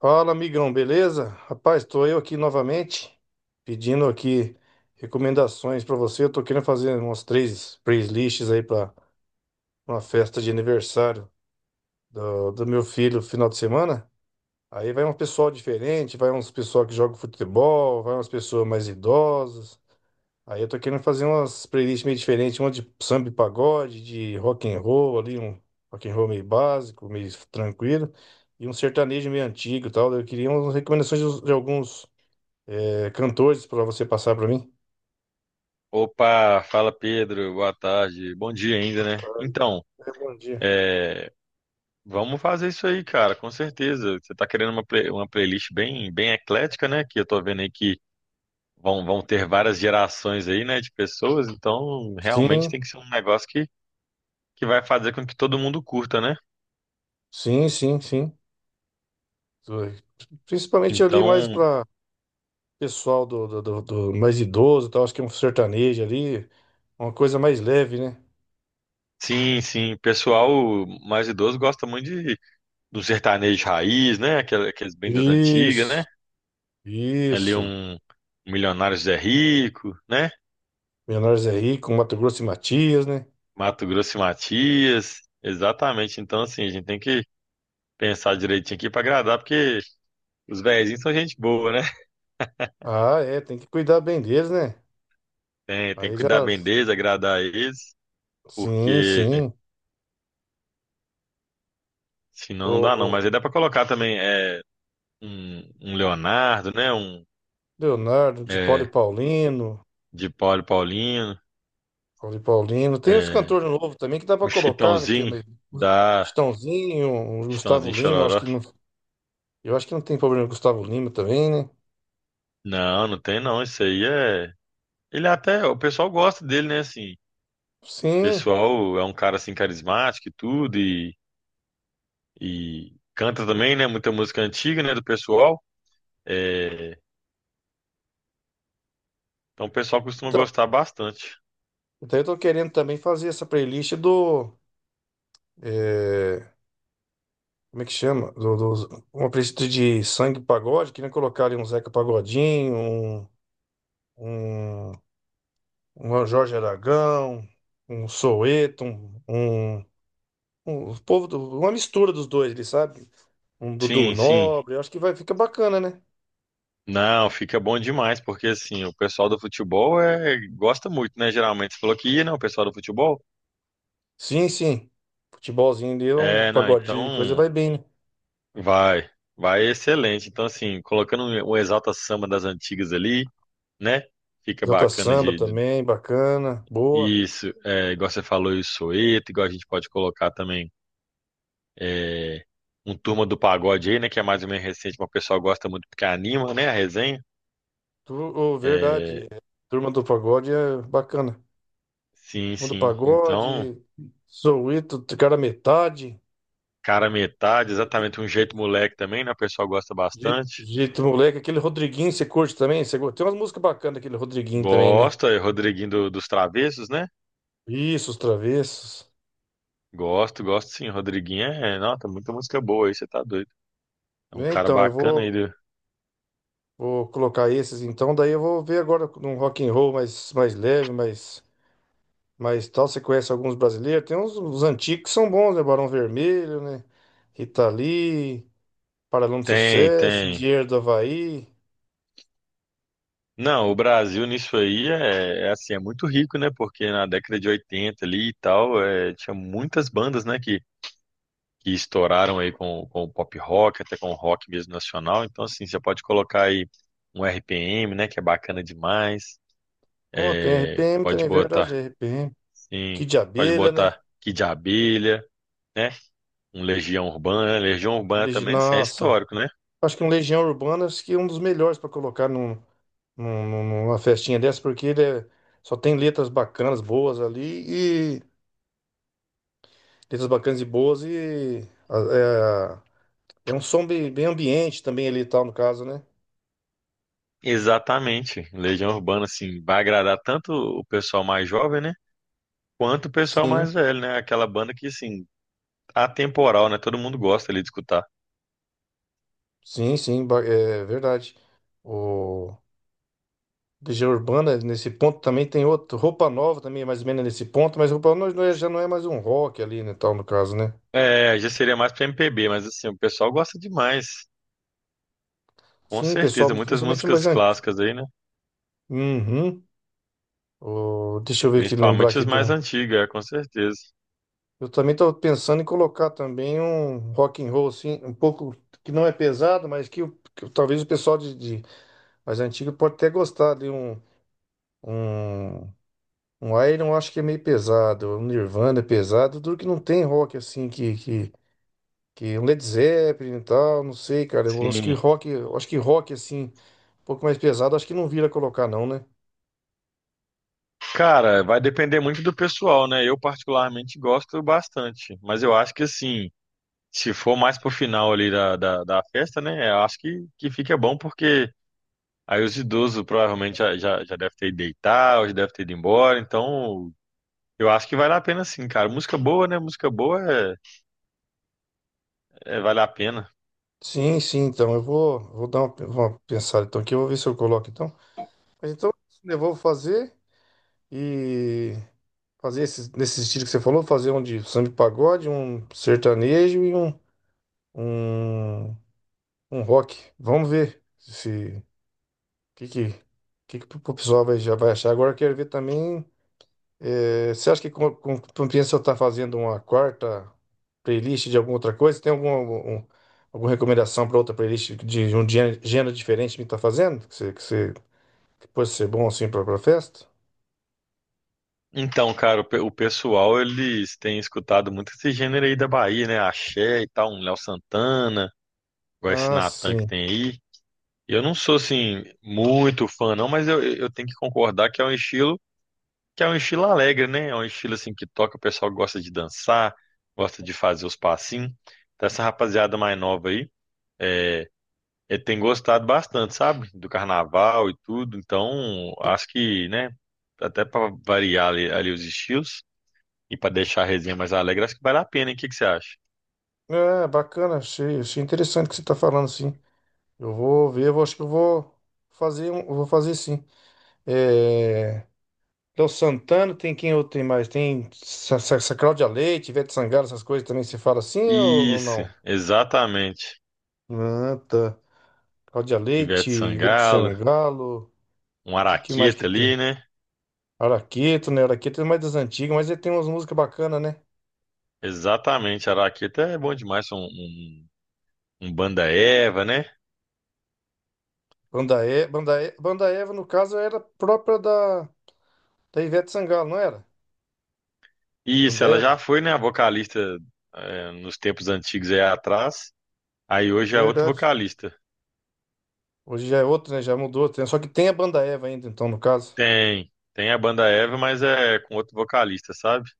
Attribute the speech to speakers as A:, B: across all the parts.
A: Fala, amigão, beleza? Rapaz, estou eu aqui novamente pedindo aqui recomendações para você. Eu tô querendo fazer umas três playlists aí para uma festa de aniversário do meu filho final de semana. Aí vai um pessoal diferente, vai uns pessoal que joga futebol, vai umas pessoas mais idosas. Aí eu tô querendo fazer umas playlists meio diferentes, uma de samba e pagode, de rock and roll ali, um rock and roll meio básico, meio tranquilo, e um sertanejo meio antigo e tal. Eu queria umas recomendações de alguns cantores para você passar para mim.
B: Opa, fala Pedro, boa tarde, bom dia ainda, né? Então,
A: É, bom dia.
B: é, vamos fazer isso aí, cara, com certeza. Você tá querendo uma, uma playlist bem, bem eclética, né? Que eu tô vendo aí que vão ter várias gerações aí, né, de pessoas, então realmente
A: Sim,
B: tem que ser um negócio que vai fazer com que todo mundo curta, né?
A: sim. Principalmente ali mais
B: Então,
A: para pessoal do mais idoso, e tal. Acho que é um sertanejo ali, uma coisa mais leve, né?
B: sim, sim, pessoal mais idoso gosta muito de, do sertanejo raiz, né? Aqueles bem das antigas, né?
A: Isso,
B: Ali
A: isso.
B: um Milionários é Rico, né?
A: Menores aí com Mato Grosso e Matias, né?
B: Mato Grosso e Matias. Exatamente. Então, assim, a gente tem que pensar direitinho aqui pra agradar, porque os velhinhos são gente boa, né?
A: Ah, é, tem que cuidar bem deles, né?
B: Tem
A: Aí
B: que
A: já.
B: cuidar bem deles, agradar eles,
A: Sim,
B: porque
A: sim. O,
B: senão não dá
A: o
B: não. Mas aí dá pra colocar também um, um Leonardo, né? Um
A: Leonardo, de Paulo e
B: é,
A: Paulino,
B: de Paulo e Paulinho,
A: Paulo e Paulino. Tem os
B: é,
A: cantores novos também que dá pra
B: um
A: colocar, né? Que é
B: Chitãozinho da
A: Chitãozinho, o Gustavo
B: Chitãozinho
A: Lima, eu acho
B: Chororó.
A: que não, eu acho que não tem problema com o Gustavo Lima também, né?
B: Não, não tem não. Isso aí é. Ele até. O pessoal gosta dele, né? Assim, o
A: Sim.
B: pessoal é um cara assim carismático e tudo, e canta também, né? Muita música antiga, né, do pessoal. É, então o pessoal costuma
A: Então,
B: gostar bastante.
A: então eu tô querendo também fazer essa playlist do. é, Como é que chama? Uma playlist de sangue pagode, queria colocar ali um Zeca Pagodinho, um, um Jorge Aragão, um Soweto, um povo do- uma mistura dos dois, ele sabe? Um Dudu
B: Sim, sim.
A: Nobre, eu acho que vai ficar bacana, né?
B: Não, fica bom demais, porque assim, o pessoal do futebol é, gosta muito, né? Geralmente você falou que ia, né? O pessoal do futebol.
A: Sim, sim. Futebolzinho ali, um
B: É, não,
A: pagodinho, coisa vai
B: então
A: bem, né?
B: vai, vai excelente. Então, assim, colocando um Exalta Samba das antigas ali, né? Fica
A: Exalta
B: bacana
A: Samba também, bacana, boa.
B: isso, é, igual você falou, o Soeto, igual a gente pode colocar também é, um Turma do Pagode aí, né? Que é mais ou menos recente, mas o pessoal gosta muito porque anima, né? A resenha.
A: Tu, ô, verdade,
B: É,
A: é, Turma do Pagode é bacana.
B: sim,
A: Turma do
B: sim. Então,
A: Pagode, Soweto, cara metade.
B: cara, metade, exatamente um jeito moleque também, né? O pessoal gosta bastante.
A: Jeito moleque, aquele Rodriguinho você curte também? Você... Tem umas músicas bacanas daquele Rodriguinho também, né?
B: Gosta, é Rodriguinho dos Travessos, né?
A: Isso, os travessos.
B: Gosto, gosto sim. Rodriguinho é, não, tem muita música boa aí, você tá doido. É um
A: É,
B: cara
A: então, eu
B: bacana
A: vou,
B: aí.
A: vou colocar esses então, daí eu vou ver agora num rock and roll mais leve, mais tal. Você conhece alguns brasileiros? Tem uns antigos que são bons, né? Barão Vermelho, né? Rita Lee, Paralama do
B: Tem,
A: Sucesso,
B: tem.
A: Engenheiro do Havaí.
B: Não, o Brasil nisso aí é, é assim, é muito rico, né? Porque na década de 80 ali e tal, é, tinha muitas bandas, né, que estouraram aí com o pop rock, até com o rock mesmo nacional. Então, assim, você pode colocar aí um RPM, né, que é bacana demais.
A: Oh, tem
B: É,
A: RPM
B: pode
A: também, é verdade,
B: botar,
A: RPM.
B: sim,
A: Kid de
B: pode
A: Abelha, né?
B: botar Kid Abelha, né, um Legião Urbana. Legião Urbana também, assim, é
A: Nossa,
B: histórico, né?
A: acho que um Legião Urbana acho que é um dos melhores para colocar numa festinha dessa, porque só tem letras bacanas, boas ali, e letras bacanas e boas, é, é um som bem, bem ambiente também ali e tal, no caso, né?
B: Exatamente. Legião Urbana, assim, vai agradar tanto o pessoal mais jovem, né, quanto o pessoal
A: Sim,
B: mais velho, né? Aquela banda que, assim, atemporal, né? Todo mundo gosta ali de escutar.
A: sim, ba- é verdade. O Legião Urbana, nesse ponto, também tem outro, Roupa Nova também, é mais ou menos nesse ponto, mas Roupa Nova não é- já não é mais um rock ali, né, tal, no caso, né?
B: É, já seria mais pra MPB, mas assim, o pessoal gosta demais. Com
A: Sim, pessoal,
B: certeza, muitas
A: principalmente mais
B: músicas
A: antes.
B: clássicas aí, né?
A: Uhum. Deixa eu ver aqui, lembrar
B: Principalmente
A: aqui
B: as mais
A: do.
B: antigas, é, com certeza.
A: Eu também estou pensando em colocar também um rock and roll, assim, um pouco que não é pesado, mas talvez o pessoal de mais antigo pode até gostar de um, um Iron, eu acho que é meio pesado, um Nirvana é pesado, tudo que não tem rock, assim, que um Led Zeppelin e tal, não sei, cara, eu acho que
B: Sim.
A: rock, eu acho que rock, assim, um pouco mais pesado, acho que não vira colocar não, né?
B: Cara, vai depender muito do pessoal, né? Eu particularmente gosto bastante, mas eu acho que assim, se for mais pro final ali da festa, né? Eu acho que fica bom porque aí os idosos provavelmente já deve ter ido deitar, ou já deve ter ido embora, então eu acho que vale a pena sim, cara. Música boa, né? Música boa é, vale a pena.
A: Sim, sim, então eu vou, vou dar uma pensada então aqui, eu vou ver se eu coloco então. Mas então, eu vou fazer e... Fazer esses, nesse estilo que você falou, fazer um de samba e pagode, um sertanejo e um, um rock. Vamos ver se que que, que o pessoal vai, já vai achar. Agora eu quero ver também. Você acha que compensa eu estar fazendo uma quarta playlist de alguma outra coisa? Tem um, alguma recomendação para outra playlist de um gênero diferente que está fazendo? Que pode ser bom assim para a festa?
B: Então, cara, o o pessoal, eles têm escutado muito esse gênero aí da Bahia, né? Axé e tal, um Léo Santana, igual esse
A: Ah,
B: Natan que
A: sim.
B: tem aí. Eu não sou, assim, muito fã, não, mas eu tenho que concordar que é um estilo, que é um estilo alegre, né? É um estilo, assim, que toca, o pessoal gosta de dançar, gosta de fazer os passinhos. Então, essa rapaziada mais nova aí, é, ele tem gostado bastante, sabe? Do carnaval e tudo. Então, acho que, né? Até para variar ali os estilos. E para deixar a resenha mais alegre, acho que vale a pena, hein? O que que você acha?
A: É, bacana, achei, achei interessante o que você está falando, sim. Eu vou ver, acho que eu vou fazer, eu vou fazer sim. É, Léo Santana, tem quem outro tem mais? Tem Cláudia Leite, Ivete Sangalo, essas coisas também se fala assim ou
B: Isso,
A: não?
B: exatamente.
A: Ah, tá. Cláudia
B: Ivete
A: Leite, Ivete
B: Sangalo,
A: Sangalo, o
B: um
A: que mais que
B: Araqueta ali,
A: tem?
B: né?
A: Araqueto, né? Araqueto é mais das antigas, mas ele tem umas músicas bacanas, né?
B: Exatamente, Araqueta é bom demais, um banda Eva, né?
A: Banda Eva, no caso, era própria da... da Ivete Sangalo, não era?
B: Isso,
A: Banda
B: ela já
A: Eva?
B: foi, né, a vocalista é, nos tempos antigos aí atrás. Aí hoje é outro
A: Verdade.
B: vocalista.
A: Hoje já é outro, né? Já mudou. Tem- Só que tem a banda Eva ainda, então, no caso.
B: Tem, tem a banda Eva, mas é com outro vocalista, sabe?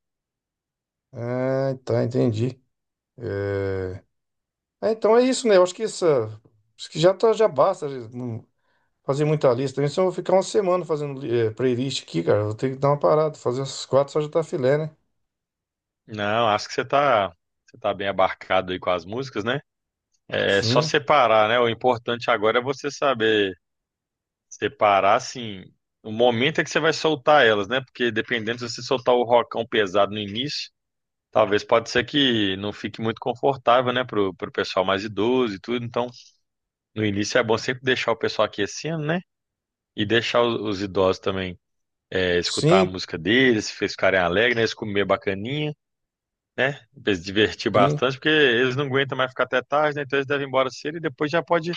A: Ah, tá, entendi. É... ah, então é isso, né? Eu acho que essa. Acho que já tá, já basta já não fazer muita lista. Também se eu vou ficar uma semana fazendo playlist aqui, cara. Eu vou ter que dar uma parada. Fazer essas quatro só já tá filé, né?
B: Não, acho que você tá bem abarcado aí com as músicas, né? É só
A: Sim,
B: separar, né? O importante agora é você saber separar, assim, o momento é que você vai soltar elas, né? Porque dependendo se você soltar o rocão pesado no início, talvez pode ser que não fique muito confortável, né? Pro pessoal mais idoso e tudo. Então, no início é bom sempre deixar o pessoal aquecendo, né? E deixar os idosos também é, escutar a
A: sim,
B: música deles, se eles ficarem alegres, né? Eles comer bacaninha. Né? Pra eles se divertir
A: sim,
B: bastante, porque eles não aguentam mais ficar até tarde, né? Então eles devem ir embora cedo e depois já pode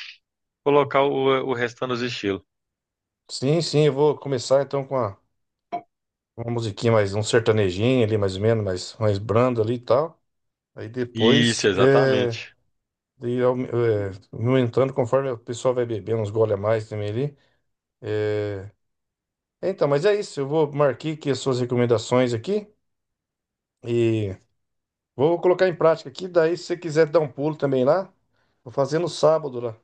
B: colocar o restante dos estilos.
A: sim. Eu vou começar então com uma musiquinha mais, um sertanejinho ali, mais ou menos, mais brando ali e tal. Aí
B: Isso,
A: depois.
B: exatamente.
A: E é, aumentando conforme o pessoal vai bebendo, uns gole a mais também ali. É, é, então, mas é isso. Eu vou marquei aqui as suas recomendações aqui e vou colocar em prática aqui. Daí, se você quiser dar um pulo também lá, vou fazer no sábado lá.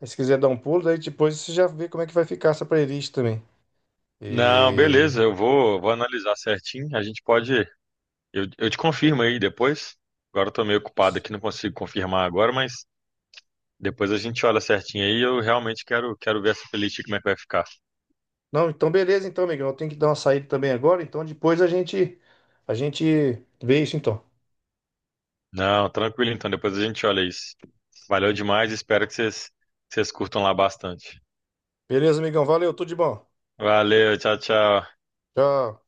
A: Aí, se quiser dar um pulo, daí depois você já vê como é que vai ficar essa playlist também.
B: Não,
A: E...
B: beleza, eu vou, vou analisar certinho. A gente pode. Eu te confirmo aí depois. Agora eu tô meio ocupado aqui, não consigo confirmar agora, mas depois a gente olha certinho aí. Eu realmente quero, quero ver essa playlist como é que vai ficar.
A: Não, então beleza, então, amigão. Eu tenho que dar uma saída também agora. Então, depois a gente vê isso, então.
B: Não, tranquilo então, depois a gente olha isso. Valeu demais, espero que vocês curtam lá bastante.
A: Beleza, amigão. Valeu, tudo de bom.
B: Valeu, tchau, tchau.
A: Tchau.